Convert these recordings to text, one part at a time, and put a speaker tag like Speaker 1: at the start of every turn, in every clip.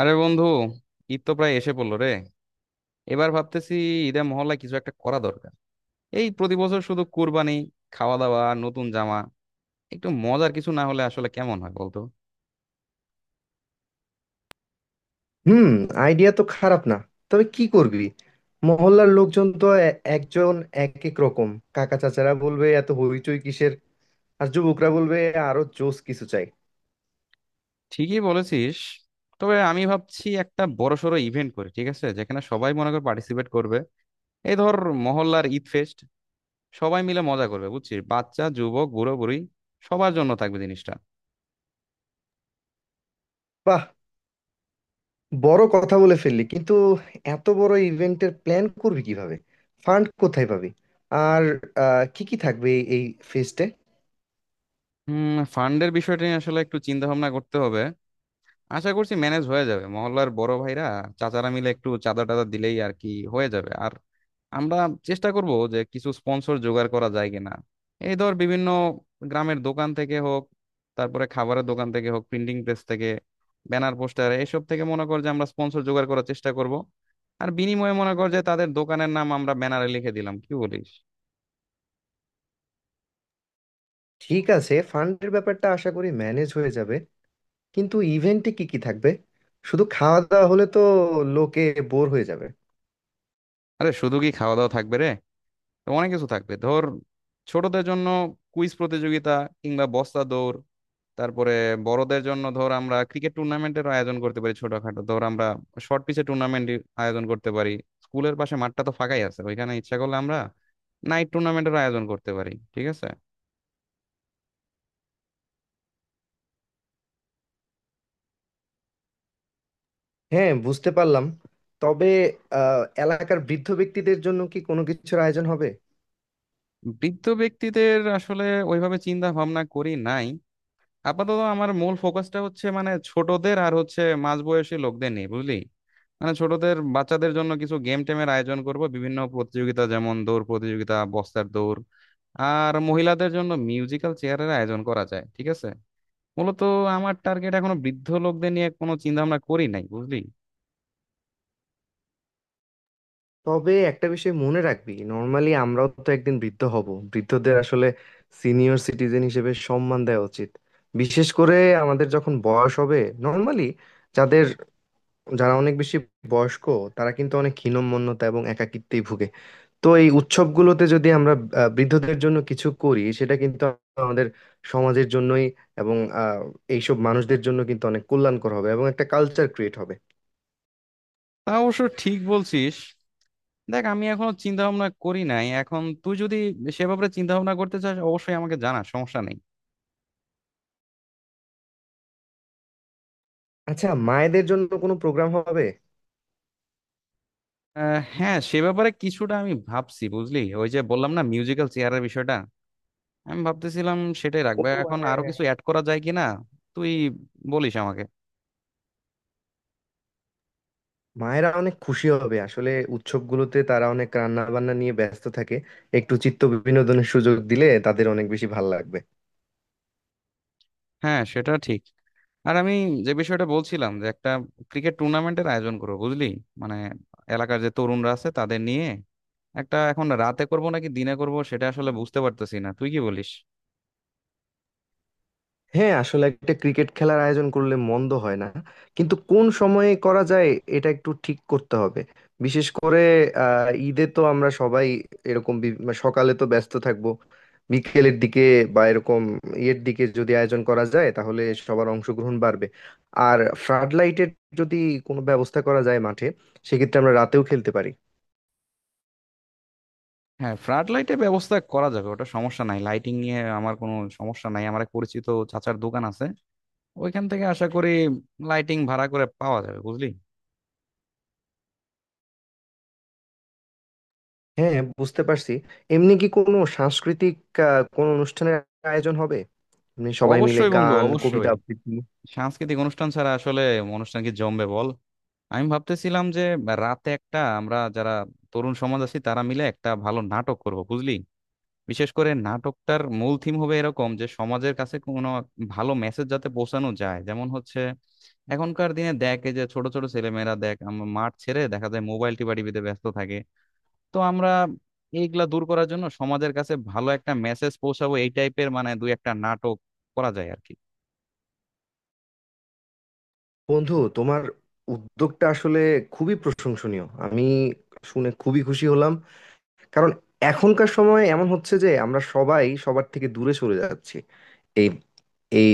Speaker 1: আরে বন্ধু, ঈদ তো প্রায় এসে পড়লো রে। এবার ভাবতেছি ঈদে মহল্লায় কিছু একটা করা দরকার। এই প্রতি বছর শুধু কুরবানি, খাওয়া দাওয়া আর নতুন জামা। একটু মজার কিছু না হলে আসলে কেমন হয় বলতো।
Speaker 2: হুম। আইডিয়া তো খারাপ না। তবে কি করবি? মহল্লার লোকজন তো একজন এক এক রকম। কাকা চাচারা বলবে এত হইচই কিসের? আর যুবকরা বলবে আরো জোস কিছু চাই।
Speaker 1: ঠিকই বলেছিস। তবে আমি ভাবছি একটা বড়সড় ইভেন্ট করি, ঠিক আছে, যেখানে সবাই মনে করে পার্টিসিপেট করবে। এই ধর, মহল্লার ঈদ ফেস্ট। সবাই মিলে মজা করবে বুঝছিস, বাচ্চা যুবক বুড়ো বুড়ি, সবার জন্য থাকবে জিনিসটা।
Speaker 2: বাহ! বড় কথা বলে ফেললি কিন্তু। এত বড় ইভেন্টের প্ল্যান করবি কিভাবে? ফান্ড কোথায় পাবি? আর কি কি থাকবে এই এই ফেস্টে?
Speaker 1: হুম, ফান্ডের বিষয়টা নিয়ে আসলে একটু চিন্তা ভাবনা করতে হবে। আশা করছি ম্যানেজ হয়ে যাবে, মহল্লার বড় ভাইরা, চাচারা মিলে একটু চাঁদা টাদা দিলেই আর কি হয়ে যাবে। আর আমরা চেষ্টা করব যে কিছু স্পন্সর জোগাড় করা যায় কিনা। এই ধর, বিভিন্ন গ্রামের দোকান থেকে হোক, তারপরে খাবারের দোকান থেকে হোক, প্রিন্টিং প্রেস থেকে ব্যানার পোস্টার এসব থেকে মনে কর যে আমরা স্পন্সর জোগাড় করার চেষ্টা করব। আর বিনিময়ে মনে কর যে তাদের দোকানের নাম আমরা ব্যানারে লিখে দিলাম, কি বলিস।
Speaker 2: ঠিক আছে, ফান্ডের ব্যাপারটা আশা করি ম্যানেজ হয়ে যাবে। কিন্তু ইভেন্টে কি কি থাকবে? শুধু খাওয়া দাওয়া হলে তো লোকে বোর হয়ে যাবে।
Speaker 1: আরে শুধু কি খাওয়া দাওয়া থাকবে রে, তো অনেক কিছু থাকবে। ধর, ছোটদের জন্য কুইজ প্রতিযোগিতা কিংবা বস্তা দৌড়। তারপরে বড়দের জন্য ধর আমরা ক্রিকেট টুর্নামেন্টের আয়োজন করতে পারি, ছোটখাটো, ধর আমরা শর্ট পিচে টুর্নামেন্ট আয়োজন করতে পারি। স্কুলের পাশে মাঠটা তো ফাঁকাই আছে, ওইখানে ইচ্ছা করলে আমরা নাইট টুর্নামেন্টের আয়োজন করতে পারি, ঠিক আছে।
Speaker 2: হ্যাঁ, বুঝতে পারলাম। তবে এলাকার বৃদ্ধ ব্যক্তিদের জন্য কি কোনো কিছুর আয়োজন হবে?
Speaker 1: বৃদ্ধ ব্যক্তিদের আসলে ওইভাবে চিন্তা ভাবনা করি নাই। আপাতত আমার মূল ফোকাসটা হচ্ছে মানে ছোটদের আর হচ্ছে মাঝবয়সী লোকদের নিয়ে বুঝলি। মানে ছোটদের বাচ্চাদের জন্য কিছু গেম টেমের আয়োজন করব, বিভিন্ন প্রতিযোগিতা যেমন দৌড় প্রতিযোগিতা, বস্তার দৌড়। আর মহিলাদের জন্য মিউজিক্যাল চেয়ারের আয়োজন করা যায়, ঠিক আছে। মূলত আমার টার্গেট এখনো বৃদ্ধ লোকদের নিয়ে কোনো চিন্তা ভাবনা করি নাই বুঝলি।
Speaker 2: তবে একটা বিষয় মনে রাখবি, নর্মালি আমরাও তো একদিন বৃদ্ধ হব। বৃদ্ধদের আসলে সিনিয়র সিটিজেন হিসেবে সম্মান দেওয়া উচিত। বিশেষ করে আমাদের যখন বয়স হবে, নর্মালি যাদের যারা অনেক বেশি বয়স্ক, তারা কিন্তু অনেক হীনম্মন্যতা এবং একাকিত্বেই ভুগে। তো এই উৎসবগুলোতে যদি আমরা বৃদ্ধদের জন্য কিছু করি, সেটা কিন্তু আমাদের সমাজের জন্যই এবং এইসব মানুষদের জন্য কিন্তু অনেক কল্যাণকর হবে এবং একটা কালচার ক্রিয়েট হবে।
Speaker 1: তা অবশ্য ঠিক বলছিস। দেখ, আমি এখনো চিন্তা ভাবনা করি নাই, এখন তুই যদি সে ব্যাপারে চিন্তা ভাবনা করতে চাস অবশ্যই আমাকে জানা, সমস্যা নেই।
Speaker 2: আচ্ছা, মায়েদের জন্য কোনো প্রোগ্রাম হবে?
Speaker 1: হ্যাঁ, সে ব্যাপারে কিছুটা আমি ভাবছি বুঝলি, ওই যে বললাম না মিউজিক্যাল চেয়ারের বিষয়টা, আমি ভাবতেছিলাম সেটাই
Speaker 2: ও,
Speaker 1: রাখবে, এখন
Speaker 2: হ্যাঁ
Speaker 1: আরো
Speaker 2: হ্যাঁ হ্যাঁ।
Speaker 1: কিছু অ্যাড করা যায় কিনা তুই বলিস আমাকে।
Speaker 2: মায়েরা অনেক খুশি হবে। আসলে উৎসবগুলোতে তারা অনেক রান্না বান্না নিয়ে ব্যস্ত থাকে, একটু চিত্ত বিনোদনের সুযোগ দিলে তাদের অনেক বেশি ভালো লাগবে।
Speaker 1: হ্যাঁ সেটা ঠিক। আর আমি যে বিষয়টা বলছিলাম যে একটা ক্রিকেট টুর্নামেন্টের আয়োজন করবো বুঝলি, মানে এলাকার যে তরুণরা আছে তাদের নিয়ে একটা, এখন রাতে করব নাকি দিনে করব সেটা আসলে বুঝতে পারতেছি না, তুই কি বলিস।
Speaker 2: হ্যাঁ, আসলে একটা ক্রিকেট খেলার আয়োজন করলে মন্দ হয় না। কিন্তু কোন সময়ে করা যায়, এটা একটু ঠিক করতে হবে। বিশেষ করে ঈদে তো আমরা সবাই এরকম মানে সকালে তো ব্যস্ত থাকবো। বিকেলের দিকে বা এরকম ইয়ের দিকে যদি আয়োজন করা যায় তাহলে সবার অংশগ্রহণ বাড়বে। আর ফ্লাড লাইটের যদি কোনো ব্যবস্থা করা যায় মাঠে, সেক্ষেত্রে আমরা রাতেও খেলতে পারি।
Speaker 1: হ্যাঁ, ফ্লাড লাইটের ব্যবস্থা করা যাবে, ওটা সমস্যা নাই। লাইটিং নিয়ে আমার কোনো সমস্যা নাই, আমার এক পরিচিত চাচার দোকান আছে, ওইখান থেকে আশা করি লাইটিং ভাড়া করে পাওয়া যাবে বুঝলি।
Speaker 2: হ্যাঁ, বুঝতে পারছি। এমনি কি কোনো সাংস্কৃতিক কোনো অনুষ্ঠানের আয়োজন হবে? এমনি সবাই মিলে
Speaker 1: অবশ্যই বন্ধু,
Speaker 2: গান কবিতা
Speaker 1: অবশ্যই।
Speaker 2: আবৃত্তি?
Speaker 1: সাংস্কৃতিক অনুষ্ঠান ছাড়া আসলে অনুষ্ঠান কি জমবে বল। আমি ভাবতেছিলাম যে রাতে একটা, আমরা যারা তরুণ সমাজ আছি তারা মিলে একটা ভালো নাটক করব বুঝলি। বিশেষ করে নাটকটার মূল থিম হবে এরকম যে সমাজের কাছে কোনো ভালো মেসেজ যাতে পৌঁছানো যায়, যেমন হচ্ছে এখনকার দিনে দেখ, এই যে ছোট ছোট ছেলেমেয়েরা দেখ, আমরা মাঠ ছেড়ে দেখা যায় মোবাইল টিপা টিপিতে ব্যস্ত থাকে। তো আমরা এইগুলা দূর করার জন্য সমাজের কাছে ভালো একটা মেসেজ পৌঁছাবো, এই টাইপের মানে দুই একটা নাটক করা যায় আর কি।
Speaker 2: বন্ধু, তোমার উদ্যোগটা আসলে খুবই প্রশংসনীয়। আমি শুনে খুবই খুশি হলাম। কারণ এখনকার সময়ে এমন হচ্ছে যে আমরা সবাই সবার থেকে দূরে সরে যাচ্ছি। এই এই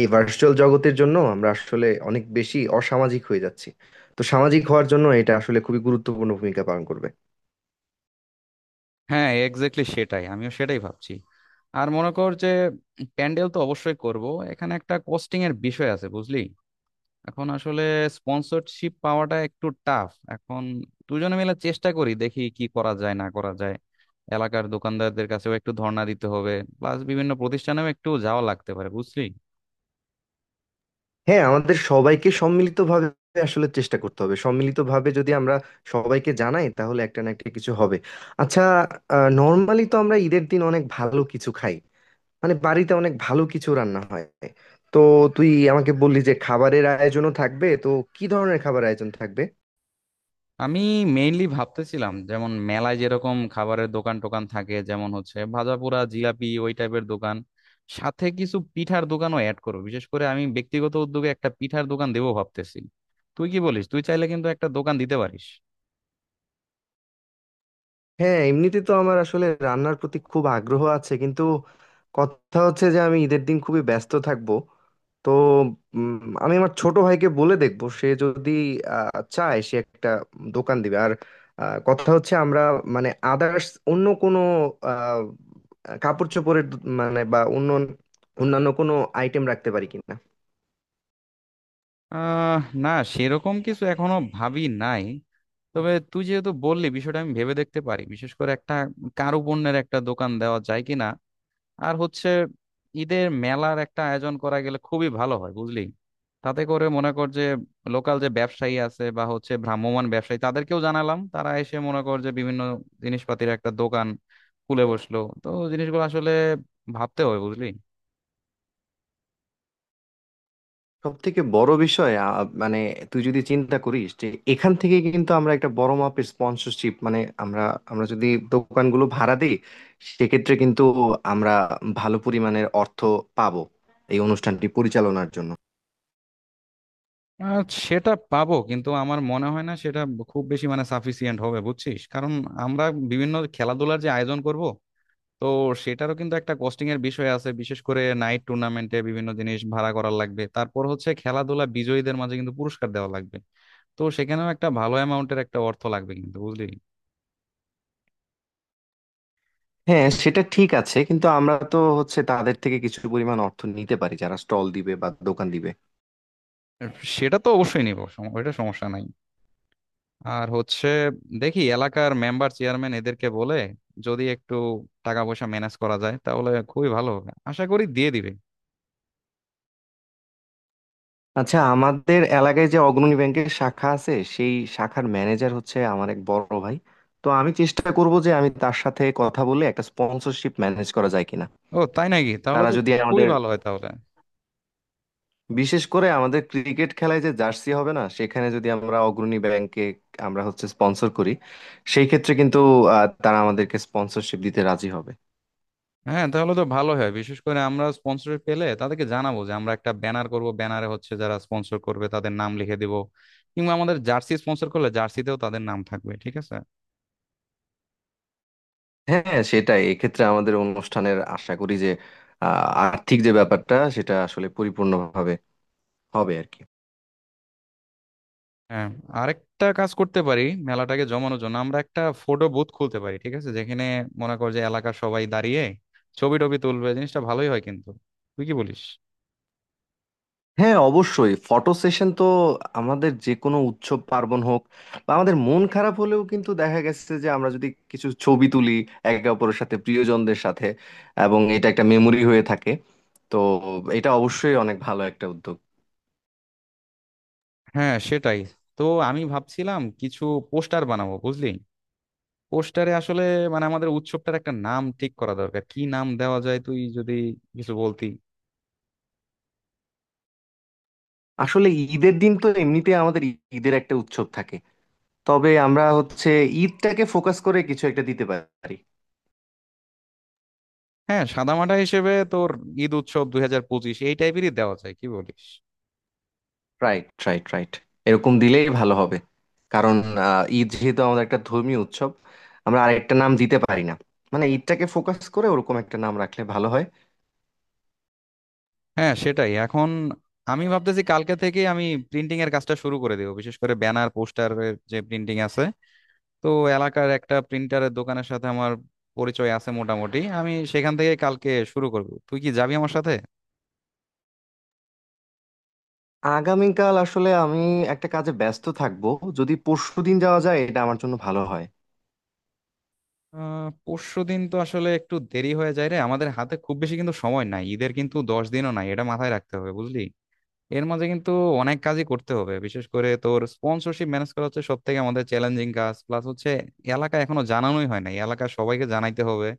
Speaker 2: এই ভার্চুয়াল জগতের জন্য আমরা আসলে অনেক বেশি অসামাজিক হয়ে যাচ্ছি। তো সামাজিক হওয়ার জন্য এটা আসলে খুবই গুরুত্বপূর্ণ ভূমিকা পালন করবে।
Speaker 1: হ্যাঁ এক্স্যাক্টলি, সেটাই, আমিও সেটাই ভাবছি। আর মনে কর যে প্যান্ডেল তো অবশ্যই করব, এখানে একটা কস্টিং এর বিষয় আছে বুঝলি। এখন আসলে স্পন্সরশিপ পাওয়াটা একটু টাফ, এখন দুজনে মিলে চেষ্টা করি দেখি কি করা যায় না করা যায়। এলাকার দোকানদারদের কাছেও একটু ধর্ণা দিতে হবে, প্লাস বিভিন্ন প্রতিষ্ঠানেও একটু যাওয়া লাগতে পারে বুঝলি।
Speaker 2: হ্যাঁ, আমাদের সবাইকে সম্মিলিতভাবে আসলে চেষ্টা করতে হবে। সম্মিলিতভাবে যদি আমরা সবাইকে জানাই তাহলে একটা না একটা কিছু হবে। আচ্ছা, নর্মালি তো আমরা ঈদের দিন অনেক ভালো কিছু খাই, মানে বাড়িতে অনেক ভালো কিছু রান্না হয়। তো তুই আমাকে বললি যে খাবারের আয়োজনও থাকবে, তো কি ধরনের খাবার আয়োজন থাকবে?
Speaker 1: আমি মেইনলি ভাবতেছিলাম যেমন মেলায় যেরকম খাবারের দোকান টোকান থাকে, যেমন হচ্ছে ভাজাপোড়া জিলাপি ওই টাইপের দোকান, সাথে কিছু পিঠার দোকানও অ্যাড করো। বিশেষ করে আমি ব্যক্তিগত উদ্যোগে একটা পিঠার দোকান দেবো ভাবতেছি। তুই কি বলিস, তুই চাইলে কিন্তু একটা দোকান দিতে পারিস।
Speaker 2: হ্যাঁ, এমনিতে তো আমার আসলে রান্নার প্রতি খুব আগ্রহ আছে, কিন্তু কথা হচ্ছে যে আমি ঈদের দিন খুবই ব্যস্ত থাকবো। তো উম, আমি আমার ছোট ভাইকে বলে দেখবো সে যদি চায় সে একটা দোকান দিবে। আর কথা হচ্ছে আমরা মানে আদার্স অন্য কোনো আহ, কাপড় চোপড়ের মানে বা অন্য অন্যান্য কোনো আইটেম রাখতে পারি কিনা।
Speaker 1: আহ না, সেরকম কিছু এখনো ভাবি নাই। তবে তুই যেহেতু বললি বিষয়টা আমি ভেবে দেখতে পারি, বিশেষ করে একটা কারুপণ্যের একটা দোকান দেওয়া যায় কিনা। আর হচ্ছে ঈদের মেলার একটা আয়োজন করা গেলে খুবই ভালো হয় বুঝলি। তাতে করে মনে কর যে লোকাল যে ব্যবসায়ী আছে বা হচ্ছে ভ্রাম্যমাণ ব্যবসায়ী তাদেরকেও জানালাম, তারা এসে মনে কর যে বিভিন্ন জিনিসপাতির একটা দোকান খুলে বসলো। তো জিনিসগুলো আসলে ভাবতে হয় বুঝলি।
Speaker 2: সব থেকে বড় বিষয় মানে তুই যদি চিন্তা করিস যে এখান থেকে কিন্তু আমরা একটা বড় মাপের স্পন্সরশিপ, মানে আমরা আমরা যদি দোকানগুলো ভাড়া দিই সেক্ষেত্রে কিন্তু আমরা ভালো পরিমাণের অর্থ পাবো এই অনুষ্ঠানটি পরিচালনার জন্য।
Speaker 1: আহ, সেটা পাবো, কিন্তু আমার মনে হয় না সেটা খুব বেশি মানে সাফিসিয়েন্ট হবে বুঝছিস। কারণ আমরা বিভিন্ন খেলাধুলার যে আয়োজন করব, তো সেটারও কিন্তু একটা কস্টিং এর বিষয় আছে। বিশেষ করে নাইট টুর্নামেন্টে বিভিন্ন জিনিস ভাড়া করা লাগবে, তারপর হচ্ছে খেলাধুলা বিজয়ীদের মাঝে কিন্তু পুরস্কার দেওয়া লাগবে। তো সেখানেও একটা ভালো অ্যামাউন্টের একটা অর্থ লাগবে কিন্তু বুঝলি।
Speaker 2: হ্যাঁ, সেটা ঠিক আছে। কিন্তু আমরা তো হচ্ছে তাদের থেকে কিছু পরিমাণ অর্থ নিতে পারি যারা স্টল দিবে বা দোকান দিবে।
Speaker 1: সেটা তো অবশ্যই নিব, ওইটা সমস্যা নাই। আর হচ্ছে দেখি এলাকার মেম্বার চেয়ারম্যান এদেরকে বলে যদি একটু টাকা পয়সা ম্যানেজ করা যায় তাহলে খুবই ভালো হবে, আশা করি দিয়ে দিবে।
Speaker 2: আচ্ছা, আমাদের এলাকায় যে অগ্রণী ব্যাংকের শাখা আছে সেই শাখার ম্যানেজার হচ্ছে আমার এক বড় ভাই। তো আমি চেষ্টা করব যে আমি তার সাথে কথা বলে একটা স্পন্সরশিপ ম্যানেজ করা যায় কিনা।
Speaker 1: ও তাই নাকি, তাহলে
Speaker 2: তারা যদি
Speaker 1: তো খুবই
Speaker 2: আমাদের
Speaker 1: ভালো হয় তাহলে।
Speaker 2: বিশেষ করে আমাদের ক্রিকেট খেলায় যে জার্সি হবে না সেখানে যদি আমরা অগ্রণী ব্যাংকে আমরা হচ্ছে স্পন্সর করি, সেই ক্ষেত্রে কিন্তু তারা আমাদেরকে স্পন্সরশিপ দিতে রাজি হবে।
Speaker 1: হ্যাঁ তাহলে তো ভালো হয়। বিশেষ করে আমরা স্পন্সর পেলে তাদেরকে জানাবো যে আমরা একটা ব্যানার করব, ব্যানারে হচ্ছে যারা স্পন্সর করবে তাদের নাম লিখে দিব। কিংবা আমাদের জার্সি স্পন্সর করলে জার্সিতেও তাদের নাম থাকবে, ঠিক আছে।
Speaker 2: হ্যাঁ সেটাই, এক্ষেত্রে আমাদের অনুষ্ঠানের আশা করি যে আর্থিক যে ব্যাপারটা সেটা আসলে পরিপূর্ণভাবে হবে আর কি।
Speaker 1: হ্যাঁ, আরেকটা কাজ করতে পারি, মেলাটাকে জমানোর জন্য আমরা একটা ফটো বুথ খুলতে পারি, ঠিক আছে, যেখানে মনে কর যে এলাকার সবাই দাঁড়িয়ে ছবি টবি তুলবে, জিনিসটা ভালোই হয় কিন্তু। তুই কি বলিস।
Speaker 2: হ্যাঁ অবশ্যই, ফটো সেশন তো আমাদের যে কোনো উৎসব পার্বণ হোক বা আমাদের মন খারাপ হলেও কিন্তু দেখা গেছে যে আমরা যদি কিছু ছবি তুলি একে অপরের সাথে, প্রিয়জনদের সাথে, এবং এটা একটা মেমোরি হয়ে থাকে। তো এটা অবশ্যই অনেক ভালো একটা উদ্যোগ।
Speaker 1: হ্যাঁ সেটাই। তো আমি ভাবছিলাম কিছু পোস্টার বানাবো বুঝলি। পোস্টারে আসলে মানে আমাদের উৎসবটার একটা নাম ঠিক করা দরকার, কি নাম দেওয়া যায় তুই যদি কিছু বলতি।
Speaker 2: আসলে ঈদের দিন তো এমনিতে আমাদের ঈদের একটা উৎসব থাকে। তবে আমরা হচ্ছে ঈদটাকে ফোকাস করে কিছু একটা দিতে পারি।
Speaker 1: হ্যাঁ, সাদামাটা হিসেবে তোর ঈদ উৎসব 2025 এই টাইপেরই দেওয়া যায়, কি বলিস।
Speaker 2: রাইট রাইট রাইট, এরকম দিলেই ভালো হবে। কারণ ঈদ যেহেতু আমাদের একটা ধর্মীয় উৎসব, আমরা আরেকটা নাম দিতে পারি না? মানে ঈদটাকে ফোকাস করে ওরকম একটা নাম রাখলে ভালো হয়।
Speaker 1: হ্যাঁ সেটাই। এখন আমি ভাবতেছি কালকে থেকে আমি প্রিন্টিং এর কাজটা শুরু করে দেবো, বিশেষ করে ব্যানার পোস্টারের যে প্রিন্টিং আছে। তো এলাকার একটা প্রিন্টারের দোকানের সাথে আমার পরিচয় আছে মোটামুটি, আমি সেখান থেকে কালকে শুরু করব, তুই কি যাবি আমার সাথে।
Speaker 2: আগামীকাল আসলে আমি একটা কাজে ব্যস্ত থাকবো। যদি পরশু দিন যাওয়া যায় এটা আমার জন্য ভালো হয়।
Speaker 1: আহ, পরশুদিন তো আসলে একটু দেরি হয়ে যায় রে, আমাদের হাতে খুব বেশি কিন্তু সময় নাই, ঈদের কিন্তু 10 দিনও নাই, এটা মাথায় রাখতে হবে বুঝলি। এর মাঝে কিন্তু অনেক কাজই করতে হবে, বিশেষ করে তোর স্পন্সরশিপ ম্যানেজ করা হচ্ছে সব থেকে আমাদের চ্যালেঞ্জিং কাজ। প্লাস হচ্ছে এলাকা এখনো জানানোই হয় নাই, এলাকার সবাইকে জানাইতে হবে।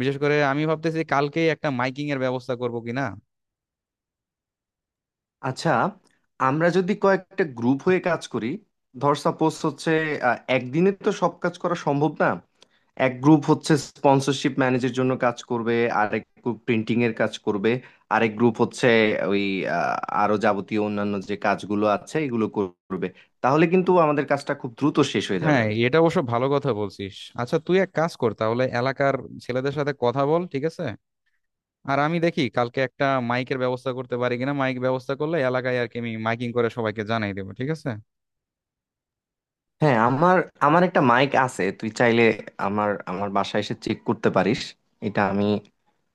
Speaker 1: বিশেষ করে আমি ভাবতেছি কালকেই একটা মাইকিং এর ব্যবস্থা করবো কিনা।
Speaker 2: আচ্ছা, আমরা যদি কয়েকটা গ্রুপ হয়ে কাজ করি, ধর সাপোজ হচ্ছে একদিনে তো সব কাজ করা সম্ভব না। এক গ্রুপ হচ্ছে স্পন্সরশিপ ম্যানেজের জন্য কাজ করবে, আরেক গ্রুপ প্রিন্টিং এর কাজ করবে, আরেক গ্রুপ হচ্ছে ওই আহ, আরো যাবতীয় অন্যান্য যে কাজগুলো আছে এগুলো করবে। তাহলে কিন্তু আমাদের কাজটা খুব দ্রুত শেষ হয়ে যাবে।
Speaker 1: হ্যাঁ, এটা অবশ্য ভালো কথা বলছিস। আচ্ছা তুই এক কাজ কর তাহলে, এলাকার ছেলেদের সাথে কথা বল, ঠিক আছে। আর আমি দেখি কালকে একটা মাইকের ব্যবস্থা করতে পারি কিনা। মাইক ব্যবস্থা করলে এলাকায় আর কি আমি মাইকিং করে সবাইকে জানাই দেবো, ঠিক আছে।
Speaker 2: হ্যাঁ, আমার আমার একটা মাইক আছে তুই চাইলে আমার আমার বাসায় এসে চেক করতে পারিস। এটা আমি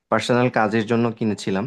Speaker 2: পার্সোনাল কাজের জন্য কিনেছিলাম।